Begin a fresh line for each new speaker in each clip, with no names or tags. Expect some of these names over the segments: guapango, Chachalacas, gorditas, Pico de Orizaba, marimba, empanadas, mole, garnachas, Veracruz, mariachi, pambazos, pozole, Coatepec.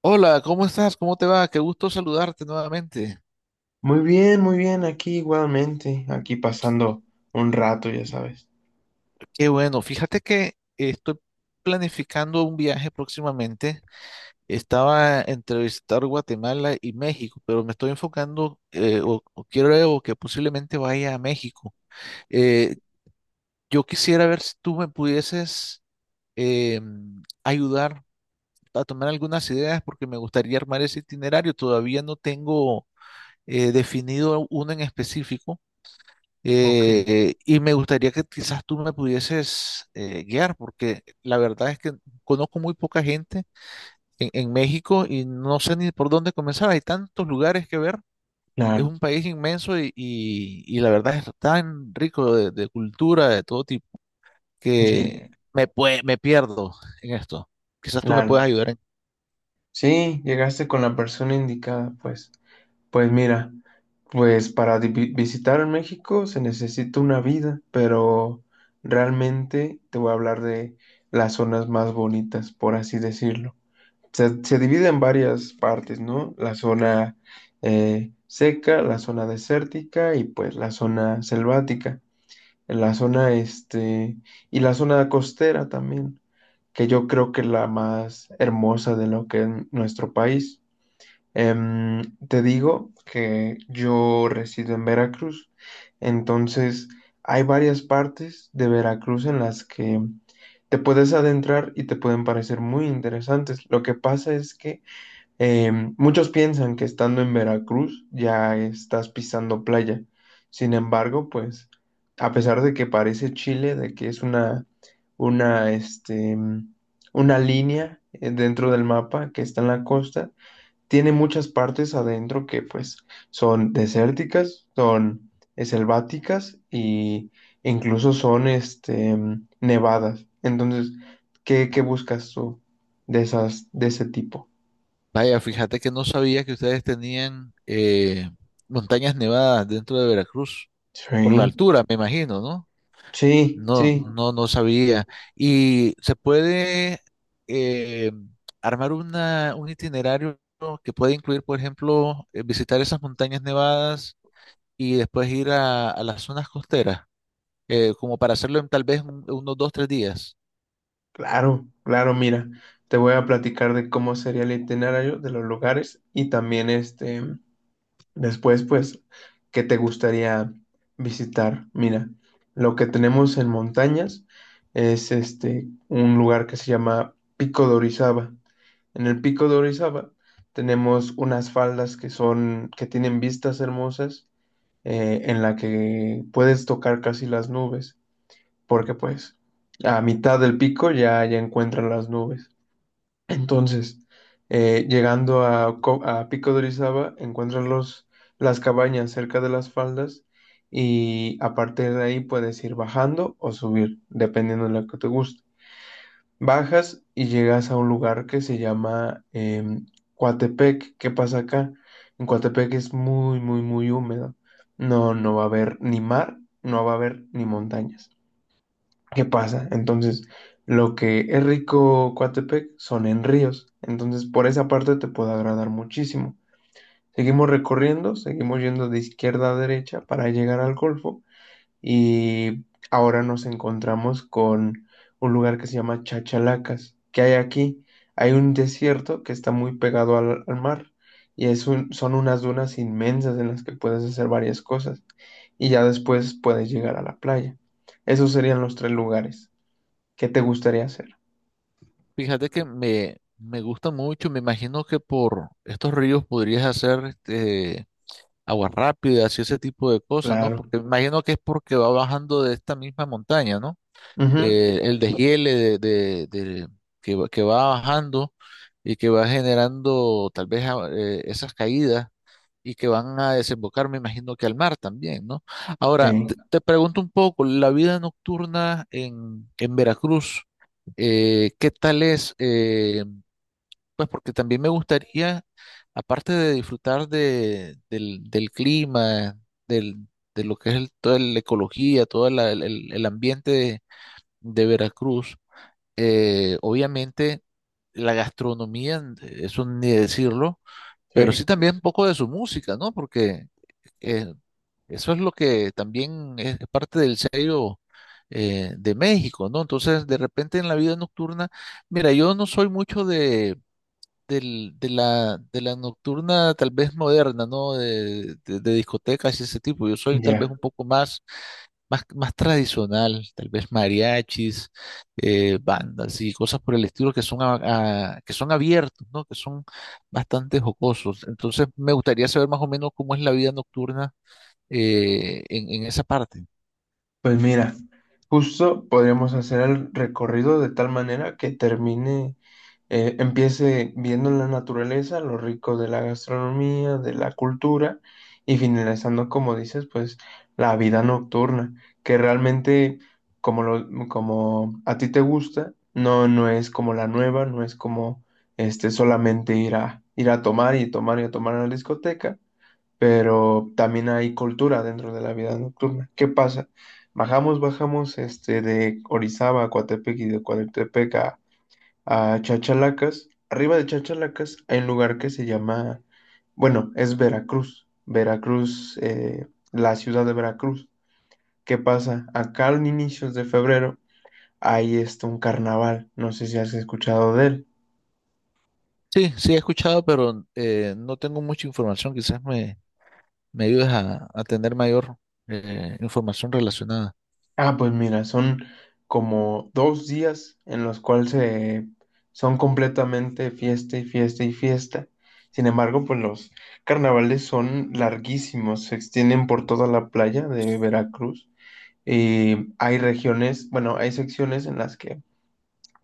Hola, ¿cómo estás? ¿Cómo te va? Qué gusto saludarte nuevamente.
Muy bien, aquí igualmente, aquí pasando un rato, ya sabes.
Qué bueno, fíjate que estoy planificando un viaje próximamente. Estaba entre visitar Guatemala y México, pero me estoy enfocando o, quiero que posiblemente vaya a México. Eh, yo quisiera ver si tú me pudieses eh, ayudar a tomar algunas ideas porque me gustaría armar ese itinerario. Todavía no tengo definido uno en específico.
Ok.
Y me gustaría que quizás tú me pudieses guiar, porque la verdad es que conozco muy poca gente en México y no sé ni por dónde comenzar. Hay tantos lugares que ver. Es
Claro,
un país inmenso y la verdad es tan rico de cultura de todo tipo que
sí,
me pierdo en esto. Quizás tú me puedas
claro.
ayudar en...
Sí, llegaste con la persona indicada, pues. Pues mira, pues para visitar México se necesita una vida, pero realmente te voy a hablar de las zonas más bonitas, por así decirlo. Se divide en varias partes, ¿no? La zona seca, la zona desértica y pues la zona selvática. En la zona este y la zona costera también, que yo creo que es la más hermosa de lo que es nuestro país. Em, te digo que yo resido en Veracruz, entonces hay varias partes de Veracruz en las que te puedes adentrar y te pueden parecer muy interesantes. Lo que pasa es que muchos piensan que estando en Veracruz ya estás pisando playa. Sin embargo, pues, a pesar de que parece Chile, de que es una, este, mm, una línea dentro del mapa que está en la costa, tiene muchas partes adentro que pues son desérticas, son selváticas e incluso son nevadas. Entonces, ¿qué buscas tú de esas, de ese tipo?
Vaya, fíjate que no sabía que ustedes tenían montañas nevadas dentro de Veracruz, por la
Sí.
altura, me imagino, ¿no?
Sí,
No,
sí,
no, no sabía. ¿Y se puede eh, armar una, un itinerario que puede incluir, por ejemplo, visitar esas montañas nevadas y después ir a las zonas costeras, como para hacerlo en tal vez unos dos, tres días?
claro, claro, mira, te voy a platicar de cómo sería el itinerario de los lugares y también después, pues, qué te gustaría visitar. Mira, lo que tenemos en montañas es un lugar que se llama Pico de Orizaba. En el Pico de Orizaba tenemos unas faldas que son, que tienen vistas hermosas, en la que puedes tocar casi las nubes. Porque pues a mitad del pico ya encuentran las nubes. Entonces, llegando a, a Pico de Orizaba, encuentran las cabañas cerca de las faldas y a partir de ahí puedes ir bajando o subir, dependiendo de lo que te guste. Bajas y llegas a un lugar que se llama Coatepec. ¿Qué pasa acá? En Coatepec es muy, muy, muy húmedo. No, no va a haber ni mar, no va a haber ni montañas. ¿Qué pasa? Entonces, lo que es rico Coatepec son en ríos. Entonces, por esa parte te puede agradar muchísimo. Seguimos recorriendo, seguimos yendo de izquierda a derecha para llegar al Golfo. Y ahora nos encontramos con un lugar que se llama Chachalacas. ¿Qué hay aquí? Hay un desierto que está muy pegado al mar. Y son unas dunas inmensas en las que puedes hacer varias cosas. Y ya después puedes llegar a la playa. Esos serían los tres lugares. ¿Qué te gustaría hacer?
Fíjate que me gusta mucho, me imagino que por estos ríos podrías hacer este, aguas rápidas y ese tipo de cosas, ¿no?
Claro.
Porque me imagino que es porque va bajando de esta misma montaña, ¿no?
Ujú.
El deshiele que, que va bajando y que va generando tal vez esas caídas y que van a desembocar, me imagino que al mar también, ¿no? Ahora,
Sí,
te pregunto un poco, la vida nocturna en Veracruz, ¿qué tal es? Pues porque también me gustaría, aparte de disfrutar de, del, del clima, del, de lo que es toda la ecología, todo el ambiente de Veracruz, obviamente la gastronomía, eso ni decirlo, pero
sí.
sí también un poco de su música, ¿no? Porque eh, eso es lo que también es parte del sello de México, ¿no? Entonces, de repente en la vida nocturna, mira, yo no soy mucho de, de la nocturna tal vez moderna, ¿no? De discotecas y ese tipo, yo soy tal vez
Ya.
un poco más, más tradicional, tal vez mariachis, bandas y cosas por el estilo que son, que son abiertos, ¿no? Que son bastante jocosos. Entonces, me gustaría saber más o menos cómo es la vida nocturna en esa parte.
Pues mira, justo podríamos hacer el recorrido de tal manera que termine, empiece viendo la naturaleza, lo rico de la gastronomía, de la cultura y finalizando, como dices, pues la vida nocturna, que realmente como a ti te gusta, no, no es como la nueva, no es como solamente ir a tomar y tomar y a tomar a la discoteca, pero también hay cultura dentro de la vida nocturna. ¿Qué pasa? Bajamos de Orizaba a Coatepec y de Coatepec a Chachalacas. Arriba de Chachalacas hay un lugar que se llama, bueno, es Veracruz, Veracruz, la ciudad de Veracruz. ¿Qué pasa? Acá en inicios de febrero hay un carnaval, no sé si has escuchado de él.
Sí, sí he escuchado, pero no tengo mucha información. Quizás me ayudes a tener mayor información relacionada.
Ah, pues mira, son como 2 días en los cuales son completamente fiesta y fiesta y fiesta. Sin embargo, pues los carnavales son larguísimos, se extienden por toda la playa de Veracruz. Y hay regiones, bueno, hay secciones en las que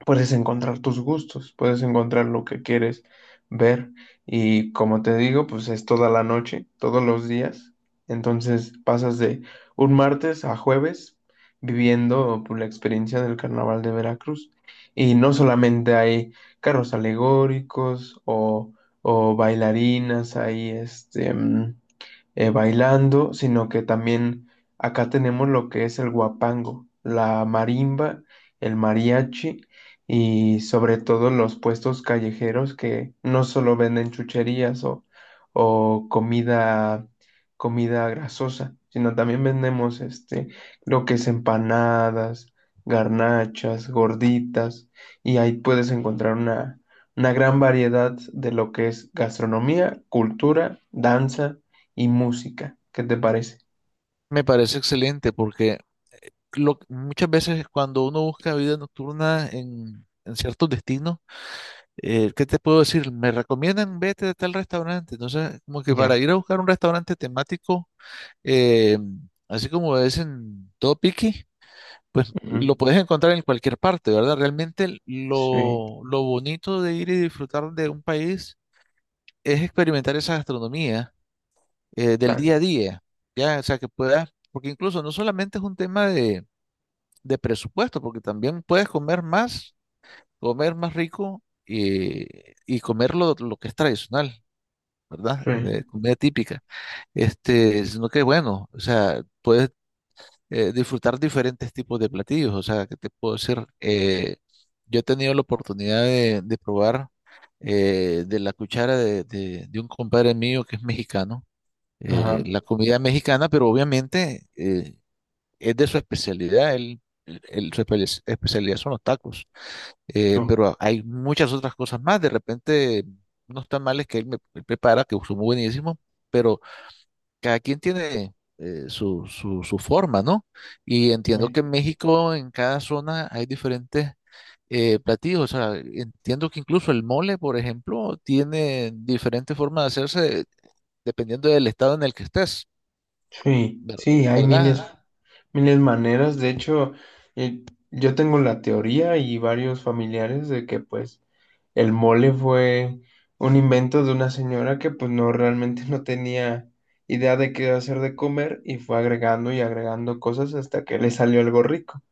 puedes encontrar tus gustos, puedes encontrar lo que quieres ver y como te digo, pues es toda la noche, todos los días. Entonces pasas de un martes a jueves viviendo pues, la experiencia del carnaval de Veracruz. Y no solamente hay carros alegóricos o bailarinas, hay bailando, sino que también acá tenemos lo que es el guapango, la marimba, el mariachi y sobre todo los puestos callejeros que no solo venden chucherías o comida, comida grasosa, sino también vendemos lo que es empanadas, garnachas, gorditas y ahí puedes encontrar una gran variedad de lo que es gastronomía, cultura, danza y música. ¿Qué te parece?
Me parece excelente porque muchas veces cuando uno busca vida nocturna en ciertos destinos, ¿qué te puedo decir? Me recomiendan vete a tal restaurante. Entonces, como que
Ya.
para ir a buscar un restaurante temático, eh, así como es en todo piqui, pues
Ujú.
lo puedes encontrar en cualquier parte, ¿verdad? Realmente
Sí.
lo bonito de ir y disfrutar de un país es experimentar esa gastronomía del día a
Claro.
día, ¿ya? O sea, que puedas, porque incluso no solamente es un tema de presupuesto, porque también puedes comer más rico. Y comer lo que es tradicional. ¿Verdad?
Sí.
De comida típica. Este, sino que bueno, o sea, puedes disfrutar diferentes tipos de platillos. ¿O sea, que te puedo decir? Yo he tenido la oportunidad de probar de la cuchara de, de un compadre mío que es mexicano,
Ajá.
la comida mexicana, pero obviamente es de su especialidad. Él, especialidad son los tacos.
No.
Pero hay muchas otras cosas más. De repente, unos tamales que él me prepara, que son muy buenísimos, pero cada quien tiene su, su, su forma, ¿no? Y entiendo que en
eh,
México, en cada zona, hay diferentes platillos. O sea, entiendo que incluso el mole, por ejemplo, tiene diferentes formas de hacerse dependiendo del estado en el que estés,
Sí,
ver-
sí, hay
¿verdad?
miles, miles maneras. De hecho, eh, yo tengo la teoría y varios familiares de que pues el mole fue un invento de una señora que pues no realmente no tenía idea de qué hacer de comer y fue agregando y agregando cosas hasta que le salió algo rico.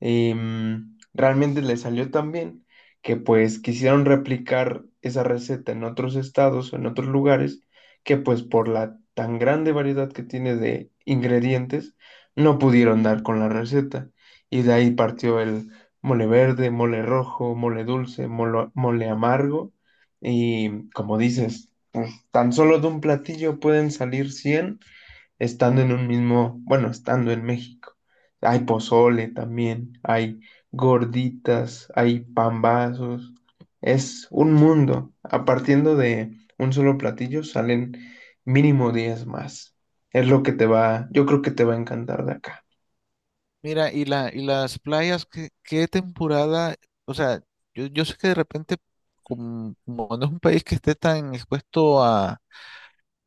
Realmente le salió tan bien que pues quisieron replicar esa receta en otros estados o en otros lugares que pues por la tan grande variedad que tiene de ingredientes no pudieron dar con la receta y de ahí partió el mole verde, mole rojo, mole dulce, mole amargo y como dices, pues, tan solo de un platillo pueden salir 100 estando en un mismo, bueno, estando en México. Hay pozole también, hay gorditas, hay pambazos. Es un mundo. A partiendo de un solo platillo salen mínimo 10 más. Es lo que te va, yo creo que te va a encantar de acá.
Mira, y la, y las playas, ¿qué, qué temporada? O sea, yo sé que de repente, como, como no es un país que esté tan expuesto a,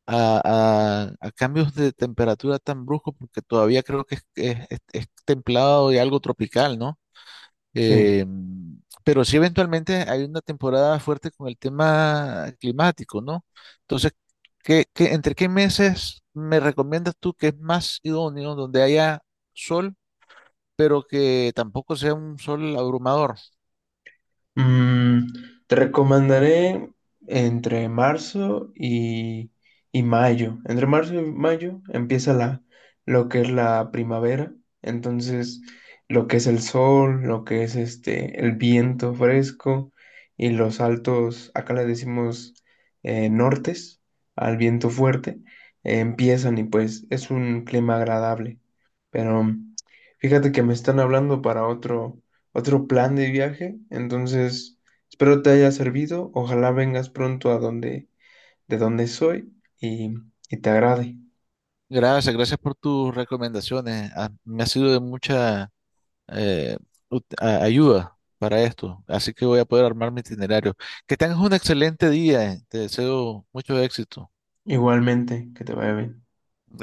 a cambios de temperatura tan bruscos, porque todavía creo que es, es templado y algo tropical, ¿no?
Sí.
Eh, pero sí eventualmente hay una temporada fuerte con el tema climático, ¿no? Entonces, ¿qué, entre qué meses me recomiendas tú que es más idóneo donde haya sol? Pero que tampoco sea un sol abrumador.
Mm, te recomendaré entre marzo y mayo. Entre marzo y mayo empieza lo que es la primavera. Entonces, lo que es el sol, lo que es el viento fresco y los altos, acá le decimos nortes, al viento fuerte, empiezan y pues es un clima agradable. Pero fíjate que me están hablando para otro plan de viaje. Entonces, espero te haya servido. Ojalá vengas pronto a donde, de donde soy y, y te agrade.
Gracias, gracias por tus recomendaciones. Ah, me ha sido de mucha eh, ayuda para esto, así que voy a poder armar mi itinerario. Que tengas un excelente día. Te deseo mucho éxito.
Igualmente, que te vaya bien.
Gracias.